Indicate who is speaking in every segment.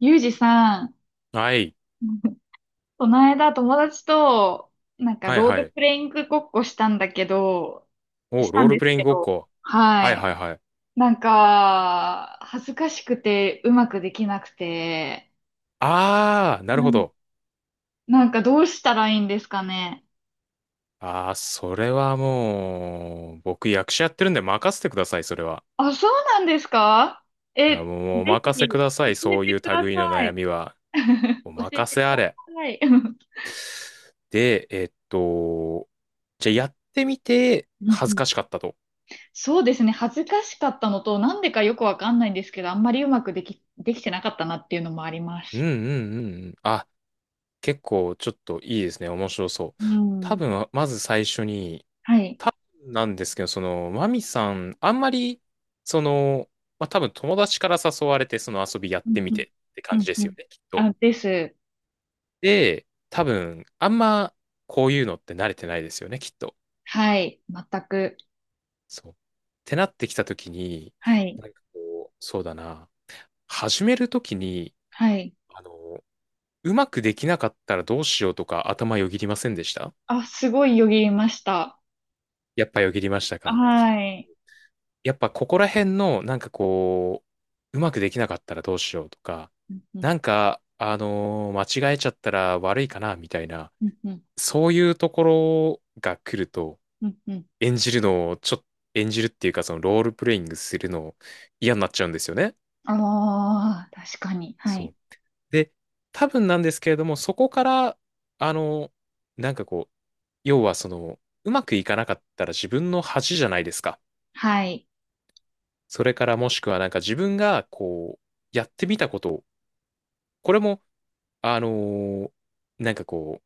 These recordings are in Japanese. Speaker 1: ゆうじさん、
Speaker 2: はい。
Speaker 1: この間友達と、なんか
Speaker 2: はい
Speaker 1: ロー
Speaker 2: は
Speaker 1: ル
Speaker 2: い。
Speaker 1: プレイングごっこしたんだけど、
Speaker 2: お、
Speaker 1: した
Speaker 2: ロ
Speaker 1: ん
Speaker 2: ール
Speaker 1: で
Speaker 2: プ
Speaker 1: す
Speaker 2: レイン
Speaker 1: け
Speaker 2: グごっ
Speaker 1: ど、
Speaker 2: こ。は
Speaker 1: は
Speaker 2: い
Speaker 1: い。
Speaker 2: はいはい。
Speaker 1: なんか、恥ずかしくてうまくできなくて、
Speaker 2: あー、な
Speaker 1: な
Speaker 2: るほ
Speaker 1: ん
Speaker 2: ど。
Speaker 1: なんかどうしたらいいんですかね。
Speaker 2: あー、それはもう、僕役者やってるんで任せてください、それは。
Speaker 1: あ、そうなんですか？え、
Speaker 2: あも
Speaker 1: ぜ
Speaker 2: う、もうお任
Speaker 1: ひ、
Speaker 2: せくださ
Speaker 1: 教
Speaker 2: い、
Speaker 1: え
Speaker 2: そうい
Speaker 1: て
Speaker 2: う
Speaker 1: くだ
Speaker 2: 類の
Speaker 1: さ
Speaker 2: 悩
Speaker 1: い。
Speaker 2: みは。お
Speaker 1: 教え
Speaker 2: 任
Speaker 1: てく
Speaker 2: せあ
Speaker 1: だ
Speaker 2: れ。
Speaker 1: さい。うん
Speaker 2: で、じゃあやってみて、
Speaker 1: う
Speaker 2: 恥ず
Speaker 1: ん。
Speaker 2: かしかったと。
Speaker 1: そうですね。恥ずかしかったのと、なんでかよくわかんないんですけど、あんまりうまくできてなかったなっていうのもありま
Speaker 2: うんう
Speaker 1: す。
Speaker 2: んうんうん。あ、結構ちょっといいですね。面白そう。
Speaker 1: う
Speaker 2: 多
Speaker 1: ん。
Speaker 2: 分、まず最初に、
Speaker 1: はい。
Speaker 2: 多分なんですけど、その、マミさん、あんまり、その、まあ、多分友達から誘われて、その遊びやっ
Speaker 1: うん
Speaker 2: てみ
Speaker 1: うん。
Speaker 2: てって
Speaker 1: う
Speaker 2: 感じ
Speaker 1: ん
Speaker 2: で
Speaker 1: う
Speaker 2: すよ
Speaker 1: ん。
Speaker 2: ね、きっと。
Speaker 1: あ、です。
Speaker 2: で、多分、あんま、こういうのって慣れてないですよね、きっと。
Speaker 1: はい。全く。
Speaker 2: そう。ってなってきたときに、
Speaker 1: はい。
Speaker 2: なんかこう、そうだな、始めるときに、
Speaker 1: はい。
Speaker 2: あの、うまくできなかったらどうしようとか頭よぎりませんでした？
Speaker 1: あ、すごいよぎりました。
Speaker 2: やっぱよぎりましたか？
Speaker 1: はい。
Speaker 2: やっぱここら辺の、なんかこう、うまくできなかったらどうしようとか、
Speaker 1: うんうん。
Speaker 2: なんか、間違えちゃったら悪いかな、みたいな、
Speaker 1: うんうん。
Speaker 2: そういうところが来ると、
Speaker 1: うんうん。
Speaker 2: 演じるのを、ちょっと、演じるっていうか、そのロールプレイングするの嫌になっちゃうんですよね。
Speaker 1: ああ、確かに。は
Speaker 2: そ
Speaker 1: い。
Speaker 2: う。で、多分なんですけれども、そこから、あのなんかこう、要はその、うまくいかなかったら自分の恥じゃないですか。
Speaker 1: はい。
Speaker 2: それからもしくはなんか自分がこう、やってみたことこれも、あのーなんかこ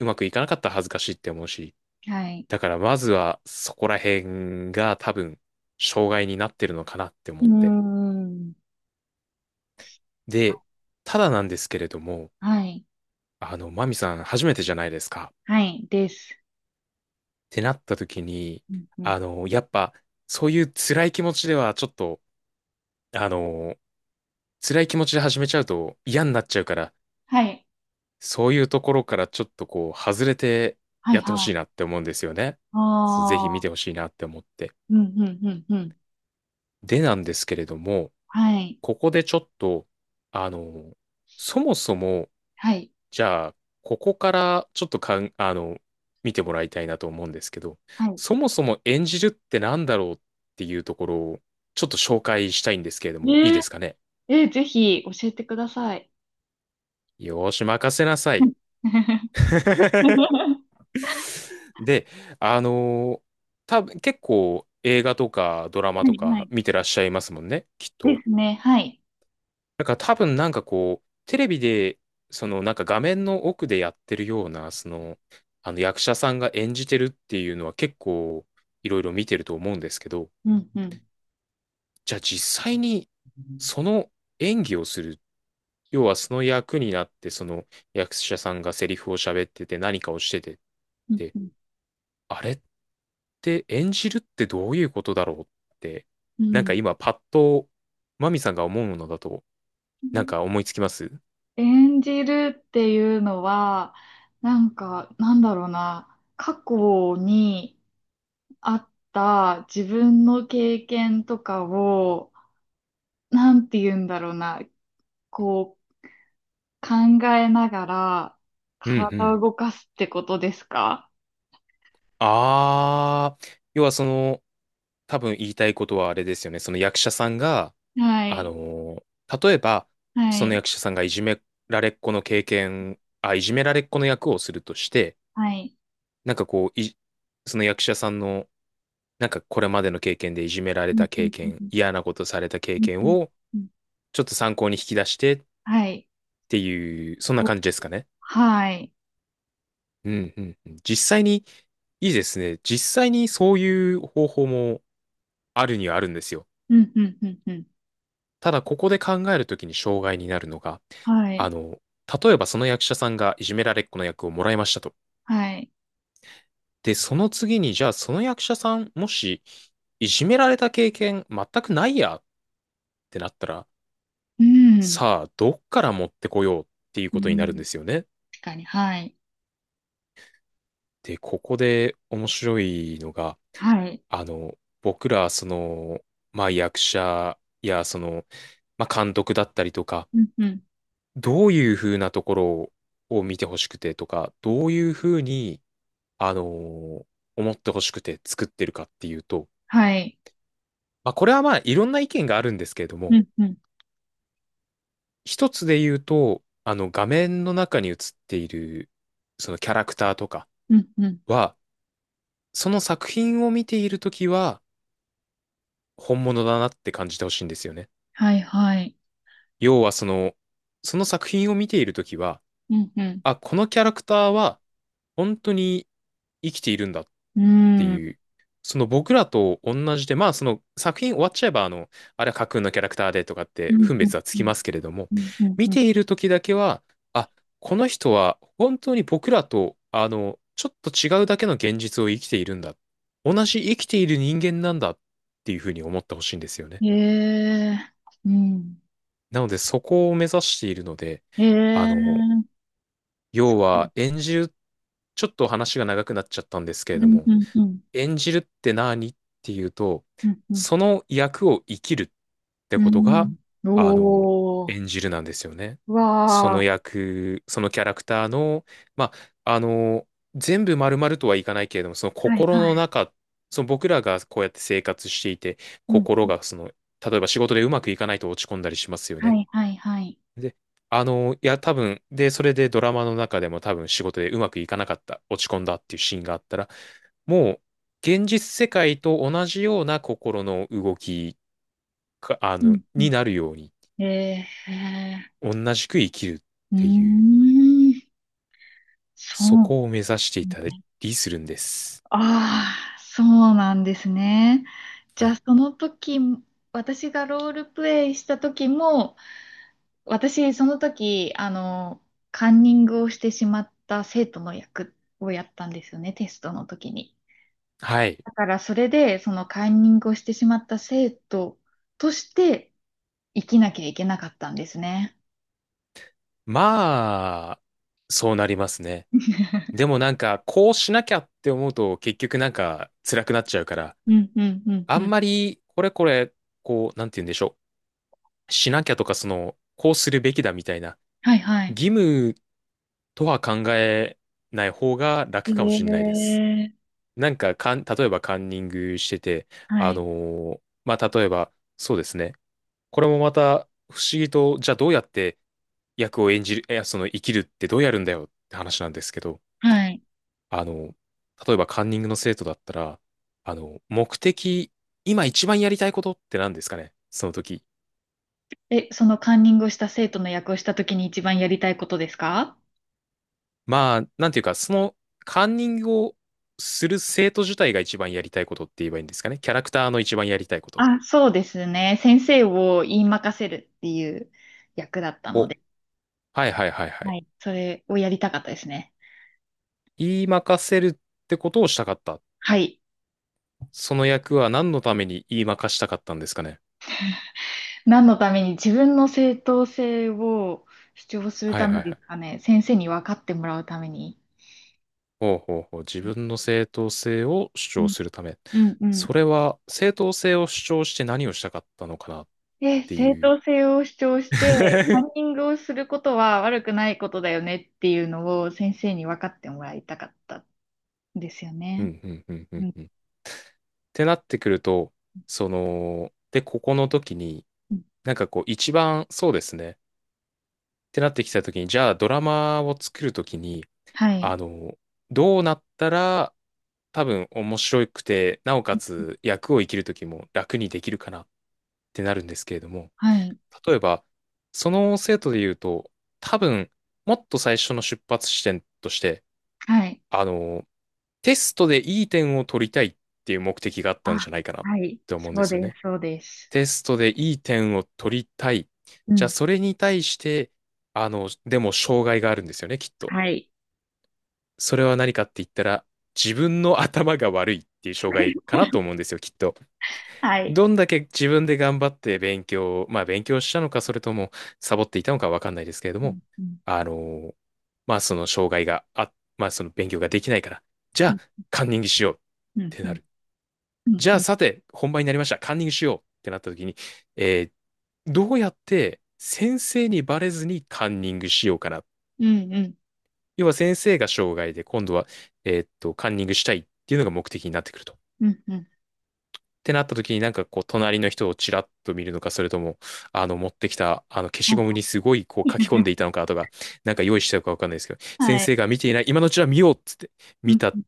Speaker 2: う、うまくいかなかったら恥ずかしいって思うし、
Speaker 1: はい。
Speaker 2: だからまずはそこら辺が多分、障害になってるのかなって思
Speaker 1: う
Speaker 2: っ
Speaker 1: ー
Speaker 2: て。
Speaker 1: ん。あ、
Speaker 2: で、ただなんですけれども、
Speaker 1: はい。
Speaker 2: あの、マミさん初めてじゃないですか。
Speaker 1: はい。です。
Speaker 2: ってなった時に、
Speaker 1: うんうん。
Speaker 2: あの、やっぱ、そういう辛い気持ちではちょっと、あの、辛い気持ちで始めちゃうと嫌になっちゃうから、
Speaker 1: はい。
Speaker 2: そういうところからちょっとこう、外れて
Speaker 1: はい。
Speaker 2: やってほ
Speaker 1: は
Speaker 2: しいな
Speaker 1: い。
Speaker 2: って思うんですよね。そうぜ
Speaker 1: あ
Speaker 2: ひ見
Speaker 1: あ。
Speaker 2: てほしいなって思って。
Speaker 1: うん、うん、うん、うん。
Speaker 2: でなんですけれども、
Speaker 1: はい、
Speaker 2: ここでちょっと、あの、そもそも、
Speaker 1: はい、
Speaker 2: じゃあ、ここからちょっとかん、あの、見てもらいたいなと思うんですけど、
Speaker 1: はい。
Speaker 2: そもそも演じるってなんだろうっていうところを、ちょっと紹介したいんですけれども、いい
Speaker 1: ね
Speaker 2: で
Speaker 1: え、
Speaker 2: すかね？
Speaker 1: ぜひ教えてください。
Speaker 2: よーし、任せなさ
Speaker 1: う
Speaker 2: い。
Speaker 1: ん。
Speaker 2: で、あのー多分結構映画とかドラマ
Speaker 1: は
Speaker 2: と
Speaker 1: い、は
Speaker 2: か
Speaker 1: い。
Speaker 2: 見てらっしゃいますもんね、きっ
Speaker 1: で
Speaker 2: と。
Speaker 1: すね、はい。
Speaker 2: だから多分なんかこう、テレビで、そのなんか画面の奥でやってるような、その、あの役者さんが演じてるっていうのは結構いろいろ見てると思うんですけど、
Speaker 1: うん、うん。
Speaker 2: じゃあ実際にその演技をする、要はその役になって、その役者さんがセリフを喋ってて何かをしててっ
Speaker 1: う
Speaker 2: て、
Speaker 1: ん、
Speaker 2: あれって演じるってどういうことだろうって、
Speaker 1: う
Speaker 2: なんか
Speaker 1: ん。
Speaker 2: 今パッとマミさんが思うものだと、
Speaker 1: う
Speaker 2: なん
Speaker 1: ん。
Speaker 2: か思いつきます？
Speaker 1: 演じるっていうのは、なんか、なんだろうな、過去にあった自分の経験とかを、なんて言うんだろうな、こう、考えながら
Speaker 2: うんう
Speaker 1: 体を
Speaker 2: ん。
Speaker 1: 動かすってことですか？
Speaker 2: あー、要はその、多分言いたいことはあれですよね。その役者さんが、
Speaker 1: は
Speaker 2: あ
Speaker 1: い。
Speaker 2: のー例えば、
Speaker 1: は
Speaker 2: その
Speaker 1: い。
Speaker 2: 役者さんがいじめられっ子の経験、あ、いじめられっ子の役をするとして、
Speaker 1: はい。
Speaker 2: なんかこう、い、その役者さんの、なんかこれまでの経験でいじめられ
Speaker 1: うん
Speaker 2: た
Speaker 1: う
Speaker 2: 経
Speaker 1: ん
Speaker 2: 験、
Speaker 1: うん
Speaker 2: 嫌なことされた経
Speaker 1: うん
Speaker 2: 験
Speaker 1: うん
Speaker 2: を、
Speaker 1: うん。
Speaker 2: ちょっと参考に引き出してっ
Speaker 1: はい。
Speaker 2: ていう、そんな
Speaker 1: お、
Speaker 2: 感じですかね。
Speaker 1: はい。
Speaker 2: うんうんうん。実際に、いいですね。実際にそういう方法もあるにはあるんですよ。
Speaker 1: うんうんうんうん。
Speaker 2: ただ、ここで考えるときに障害になるのが、
Speaker 1: は
Speaker 2: あ
Speaker 1: い。
Speaker 2: の、例えばその役者さんがいじめられっ子の役をもらいましたと。
Speaker 1: はい。
Speaker 2: で、その次に、じゃあその役者さん、もし、いじめられた経験全くないやってなったら、
Speaker 1: うん。
Speaker 2: さあ、どっから持ってこようっていう
Speaker 1: う
Speaker 2: ことになるんで
Speaker 1: ん。
Speaker 2: すよね。
Speaker 1: 確かに。はい。
Speaker 2: で、ここで面白いのが、
Speaker 1: はい。
Speaker 2: あの、僕ら、その、まあ、役者や、その、まあ、監督だったりとか、
Speaker 1: うんうん。
Speaker 2: どういうふうなところを見てほしくてとか、どういうふうに、あのー思ってほしくて作ってるかっていうと、
Speaker 1: はい。
Speaker 2: まあ、これはまあ、いろんな意見があるんですけれど
Speaker 1: う
Speaker 2: も、
Speaker 1: んうん
Speaker 2: 一つで言うと、あの、画面の中に映っている、そのキャラクターとか
Speaker 1: うんうん。
Speaker 2: は、その作品を見ているときは、本物だなって感じてほしいんですよね。
Speaker 1: はい。はい。
Speaker 2: 要はその、その作品を見ているときは、
Speaker 1: うんうん。
Speaker 2: あ、このキャラクターは本当に生きているんだっ
Speaker 1: う
Speaker 2: て
Speaker 1: ん。
Speaker 2: いう、その僕らと同じで、まあその作品終わっちゃえば、あの、あれは架空のキャラクターでとかって
Speaker 1: うん
Speaker 2: 分
Speaker 1: うん
Speaker 2: 別はつ
Speaker 1: う
Speaker 2: き
Speaker 1: ん
Speaker 2: ますけれども、
Speaker 1: うん
Speaker 2: 見
Speaker 1: うんう
Speaker 2: ているときだけは、あ、この人は本当に僕らと、あの、ちょっと違うだけの現実を生きているんだ。同じ生きている人間なんだっていうふうに思ってほしいんですよね。
Speaker 1: ん。ええ。うん。
Speaker 2: なのでそこを目指しているので、
Speaker 1: え
Speaker 2: あ
Speaker 1: え。
Speaker 2: の、要
Speaker 1: う
Speaker 2: は演じる、ちょっと話が長くなっちゃったんですけれ
Speaker 1: ん
Speaker 2: ども、
Speaker 1: うんうん。
Speaker 2: 演じるって何っていうと、
Speaker 1: うん、うん、
Speaker 2: その役を生きるって
Speaker 1: う
Speaker 2: ことが、
Speaker 1: ん。
Speaker 2: あの、
Speaker 1: おー、
Speaker 2: 演じるなんですよね。
Speaker 1: う
Speaker 2: そ
Speaker 1: わ
Speaker 2: の
Speaker 1: ー。
Speaker 2: 役、そのキャラクターの、まあ、あの、全部丸々とはいかないけれども、その
Speaker 1: はい
Speaker 2: 心
Speaker 1: は
Speaker 2: の
Speaker 1: い、
Speaker 2: 中、その僕らがこうやって生活していて、
Speaker 1: うん、
Speaker 2: 心がその、例えば仕事でうまくいかないと落ち込んだりしますよ
Speaker 1: は
Speaker 2: ね。
Speaker 1: いはいはい、
Speaker 2: で、あの、いや、多分、で、それでドラマの中でも多分仕事でうまくいかなかった、落ち込んだっていうシーンがあったら、もう、現実世界と同じような心の動きか、あ
Speaker 1: う
Speaker 2: の、
Speaker 1: ん、う
Speaker 2: にな
Speaker 1: ん。
Speaker 2: るように、
Speaker 1: えー、
Speaker 2: 同じく生きるっ
Speaker 1: うー
Speaker 2: ていう、
Speaker 1: ん、そ
Speaker 2: そ
Speaker 1: う、
Speaker 2: こを目指していたりするんです。
Speaker 1: ああ、そうなんですね。じ
Speaker 2: は
Speaker 1: ゃあ、
Speaker 2: い。
Speaker 1: その時、私がロールプレイした時も、私、その時、カンニングをしてしまった生徒の役をやったんですよね、テストの時に。
Speaker 2: はい。
Speaker 1: だからそれで、そのカンニングをしてしまった生徒として生きなきゃいけなかったんですね。
Speaker 2: まあ、そうなりますね。で もなんか、こうしなきゃって思うと、結局なんか、辛くなっちゃうから、
Speaker 1: うんうんうん
Speaker 2: あ
Speaker 1: う
Speaker 2: ん
Speaker 1: ん。
Speaker 2: まり、こう、なんて言うんでしょう。しなきゃとか、その、こうするべきだみたいな、
Speaker 1: はいはい。
Speaker 2: 義務とは考えない方が楽
Speaker 1: へ
Speaker 2: かもしれないです。
Speaker 1: え。
Speaker 2: なんか、かん、例えばカンニングしてて、
Speaker 1: はい。
Speaker 2: まあ、例えば、そうですね。これもまた不思議と、じゃあどうやって役を演じる、いや、その生きるってどうやるんだよって話なんですけど、
Speaker 1: はい。
Speaker 2: あの、例えばカンニングの生徒だったら、あの、目的、今一番やりたいことって何ですかねその時？
Speaker 1: え、そのカンニングをした生徒の役をしたときに一番やりたいことですか？
Speaker 2: まあ、なんていうか、そのカンニングをする生徒自体が一番やりたいことって言えばいいんですかね？キャラクターの一番やりたいこと
Speaker 1: あ、そうですね。先生を言い任せるっていう役だったの
Speaker 2: を。
Speaker 1: で、
Speaker 2: はいはいはいは
Speaker 1: は
Speaker 2: い。
Speaker 1: い。それをやりたかったですね。
Speaker 2: 言いまかせるってことをしたかった。
Speaker 1: はい。
Speaker 2: その役は何のために言いまかしたかったんですかね？
Speaker 1: 何のために自分の正当性を主張する
Speaker 2: は
Speaker 1: た
Speaker 2: い
Speaker 1: め
Speaker 2: はいは
Speaker 1: です
Speaker 2: い。
Speaker 1: かね。先生に分かってもらうために。
Speaker 2: ほうほうほう。自分の正当性を主
Speaker 1: う
Speaker 2: 張
Speaker 1: ん、
Speaker 2: するため。
Speaker 1: うん、うん。
Speaker 2: それは正当性を主張して何をしたかったのかなっ
Speaker 1: で、
Speaker 2: て
Speaker 1: 正
Speaker 2: いう。
Speaker 1: 当性を主張して、カ ンニングをすることは悪くないことだよねっていうのを先生に分かってもらいたかったんですよ
Speaker 2: う
Speaker 1: ね。
Speaker 2: んうんうんうん
Speaker 1: うん、
Speaker 2: うん。ってなってくると、その、で、ここの時に、
Speaker 1: うん。
Speaker 2: なんかこう一番そうですね。ってなってきたときに、じゃあドラマを作るときに、
Speaker 1: はい。
Speaker 2: あの、どうなったら多分面白くて、なおかつ役を生きるときも楽にできるかなってなるんですけれども、
Speaker 1: はい。
Speaker 2: 例えば、その生徒で言うと、多分、もっと最初の出発地点として、
Speaker 1: はい。
Speaker 2: あの、テストでいい点を取りたいっていう目的があったんじゃ
Speaker 1: あ、
Speaker 2: ないかなっ
Speaker 1: はい。
Speaker 2: て思うんで
Speaker 1: そう
Speaker 2: すよ
Speaker 1: です。
Speaker 2: ね。
Speaker 1: そうです。
Speaker 2: テストでいい点を取りたい。
Speaker 1: う
Speaker 2: じゃあ、
Speaker 1: ん、
Speaker 2: それに対して、でも障害があるんですよね、きっと。
Speaker 1: はい。
Speaker 2: それは何かって言ったら、自分の頭が悪いっていう障害か なと思うんですよ、きっと。
Speaker 1: はい。
Speaker 2: どんだけ自分で頑張って勉強を、まあ勉強したのか、それともサボっていたのかわかんないですけれど
Speaker 1: うん、
Speaker 2: も、
Speaker 1: うん、
Speaker 2: あの、まあその障害があ、まあその勉強ができないから、じゃ
Speaker 1: う
Speaker 2: あ
Speaker 1: ん、
Speaker 2: カンニングしようっ
Speaker 1: うん、
Speaker 2: て
Speaker 1: う
Speaker 2: な
Speaker 1: ん、
Speaker 2: る。
Speaker 1: うん、
Speaker 2: じゃ
Speaker 1: う
Speaker 2: あ
Speaker 1: ん、
Speaker 2: さて、本番になりました。カンニングしようってなった時に、えーどうやって先生にバレずにカンニングしようかな。
Speaker 1: うん、
Speaker 2: 要は先生が障害で、今度は、カンニングしたいっていうのが目的になってくると。
Speaker 1: うん、うん。
Speaker 2: てなった時になんかこう隣の人をちらっと見るのか、それとも、あの持ってきたあの消しゴムにすごいこう書き込んでいた のかとか、なんか用意してたかわかんないですけど、先
Speaker 1: はい。
Speaker 2: 生が見ていない、今のうちは見ようっつって、
Speaker 1: う
Speaker 2: 見
Speaker 1: ん、
Speaker 2: た、
Speaker 1: うん。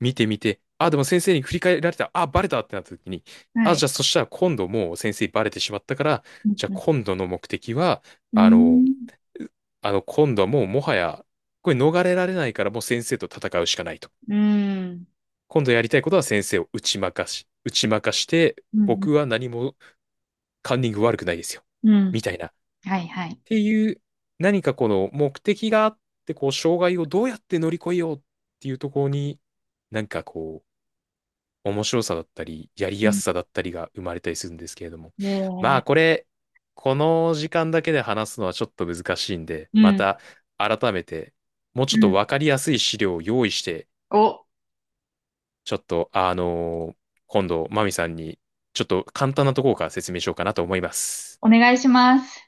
Speaker 2: 見てみて、あ、でも先生に振り返られた、あ、バレたってなった時に、
Speaker 1: は
Speaker 2: あ、じゃ
Speaker 1: い。
Speaker 2: あそしたら今度もう先生バレてしまったから、
Speaker 1: うん、
Speaker 2: じゃあ
Speaker 1: うん。
Speaker 2: 今度の目的は、あの、あの今度はもうもはや、これ逃れられないからもう先生と戦うしかないと。
Speaker 1: うん。
Speaker 2: 今度やりたいことは先生を打ち負かし、打ち負かして、
Speaker 1: うん。う
Speaker 2: 僕
Speaker 1: ん。
Speaker 2: は何もカンニング悪くないですよ、
Speaker 1: う
Speaker 2: み
Speaker 1: ん。
Speaker 2: たいな。っ
Speaker 1: はい、はい。
Speaker 2: ていう、何かこの目的があって、こう、障害をどうやって乗り越えようっていうところに、なんかこ面白さだったり、やり
Speaker 1: う
Speaker 2: や
Speaker 1: ん。
Speaker 2: すさだったりが生まれたりするんですけれども。
Speaker 1: え
Speaker 2: ま
Speaker 1: ー、
Speaker 2: あ、これ、この時間だけで話すのはちょっと難しいんで、
Speaker 1: う
Speaker 2: ま
Speaker 1: ん。
Speaker 2: た改めて、もう
Speaker 1: う
Speaker 2: ちょっと
Speaker 1: ん。
Speaker 2: わかりやすい資料を用意して、
Speaker 1: お、
Speaker 2: ちょっと、あの今度、マミさんに、ちょっと簡単なところから説明しようかなと思います。
Speaker 1: お願いします。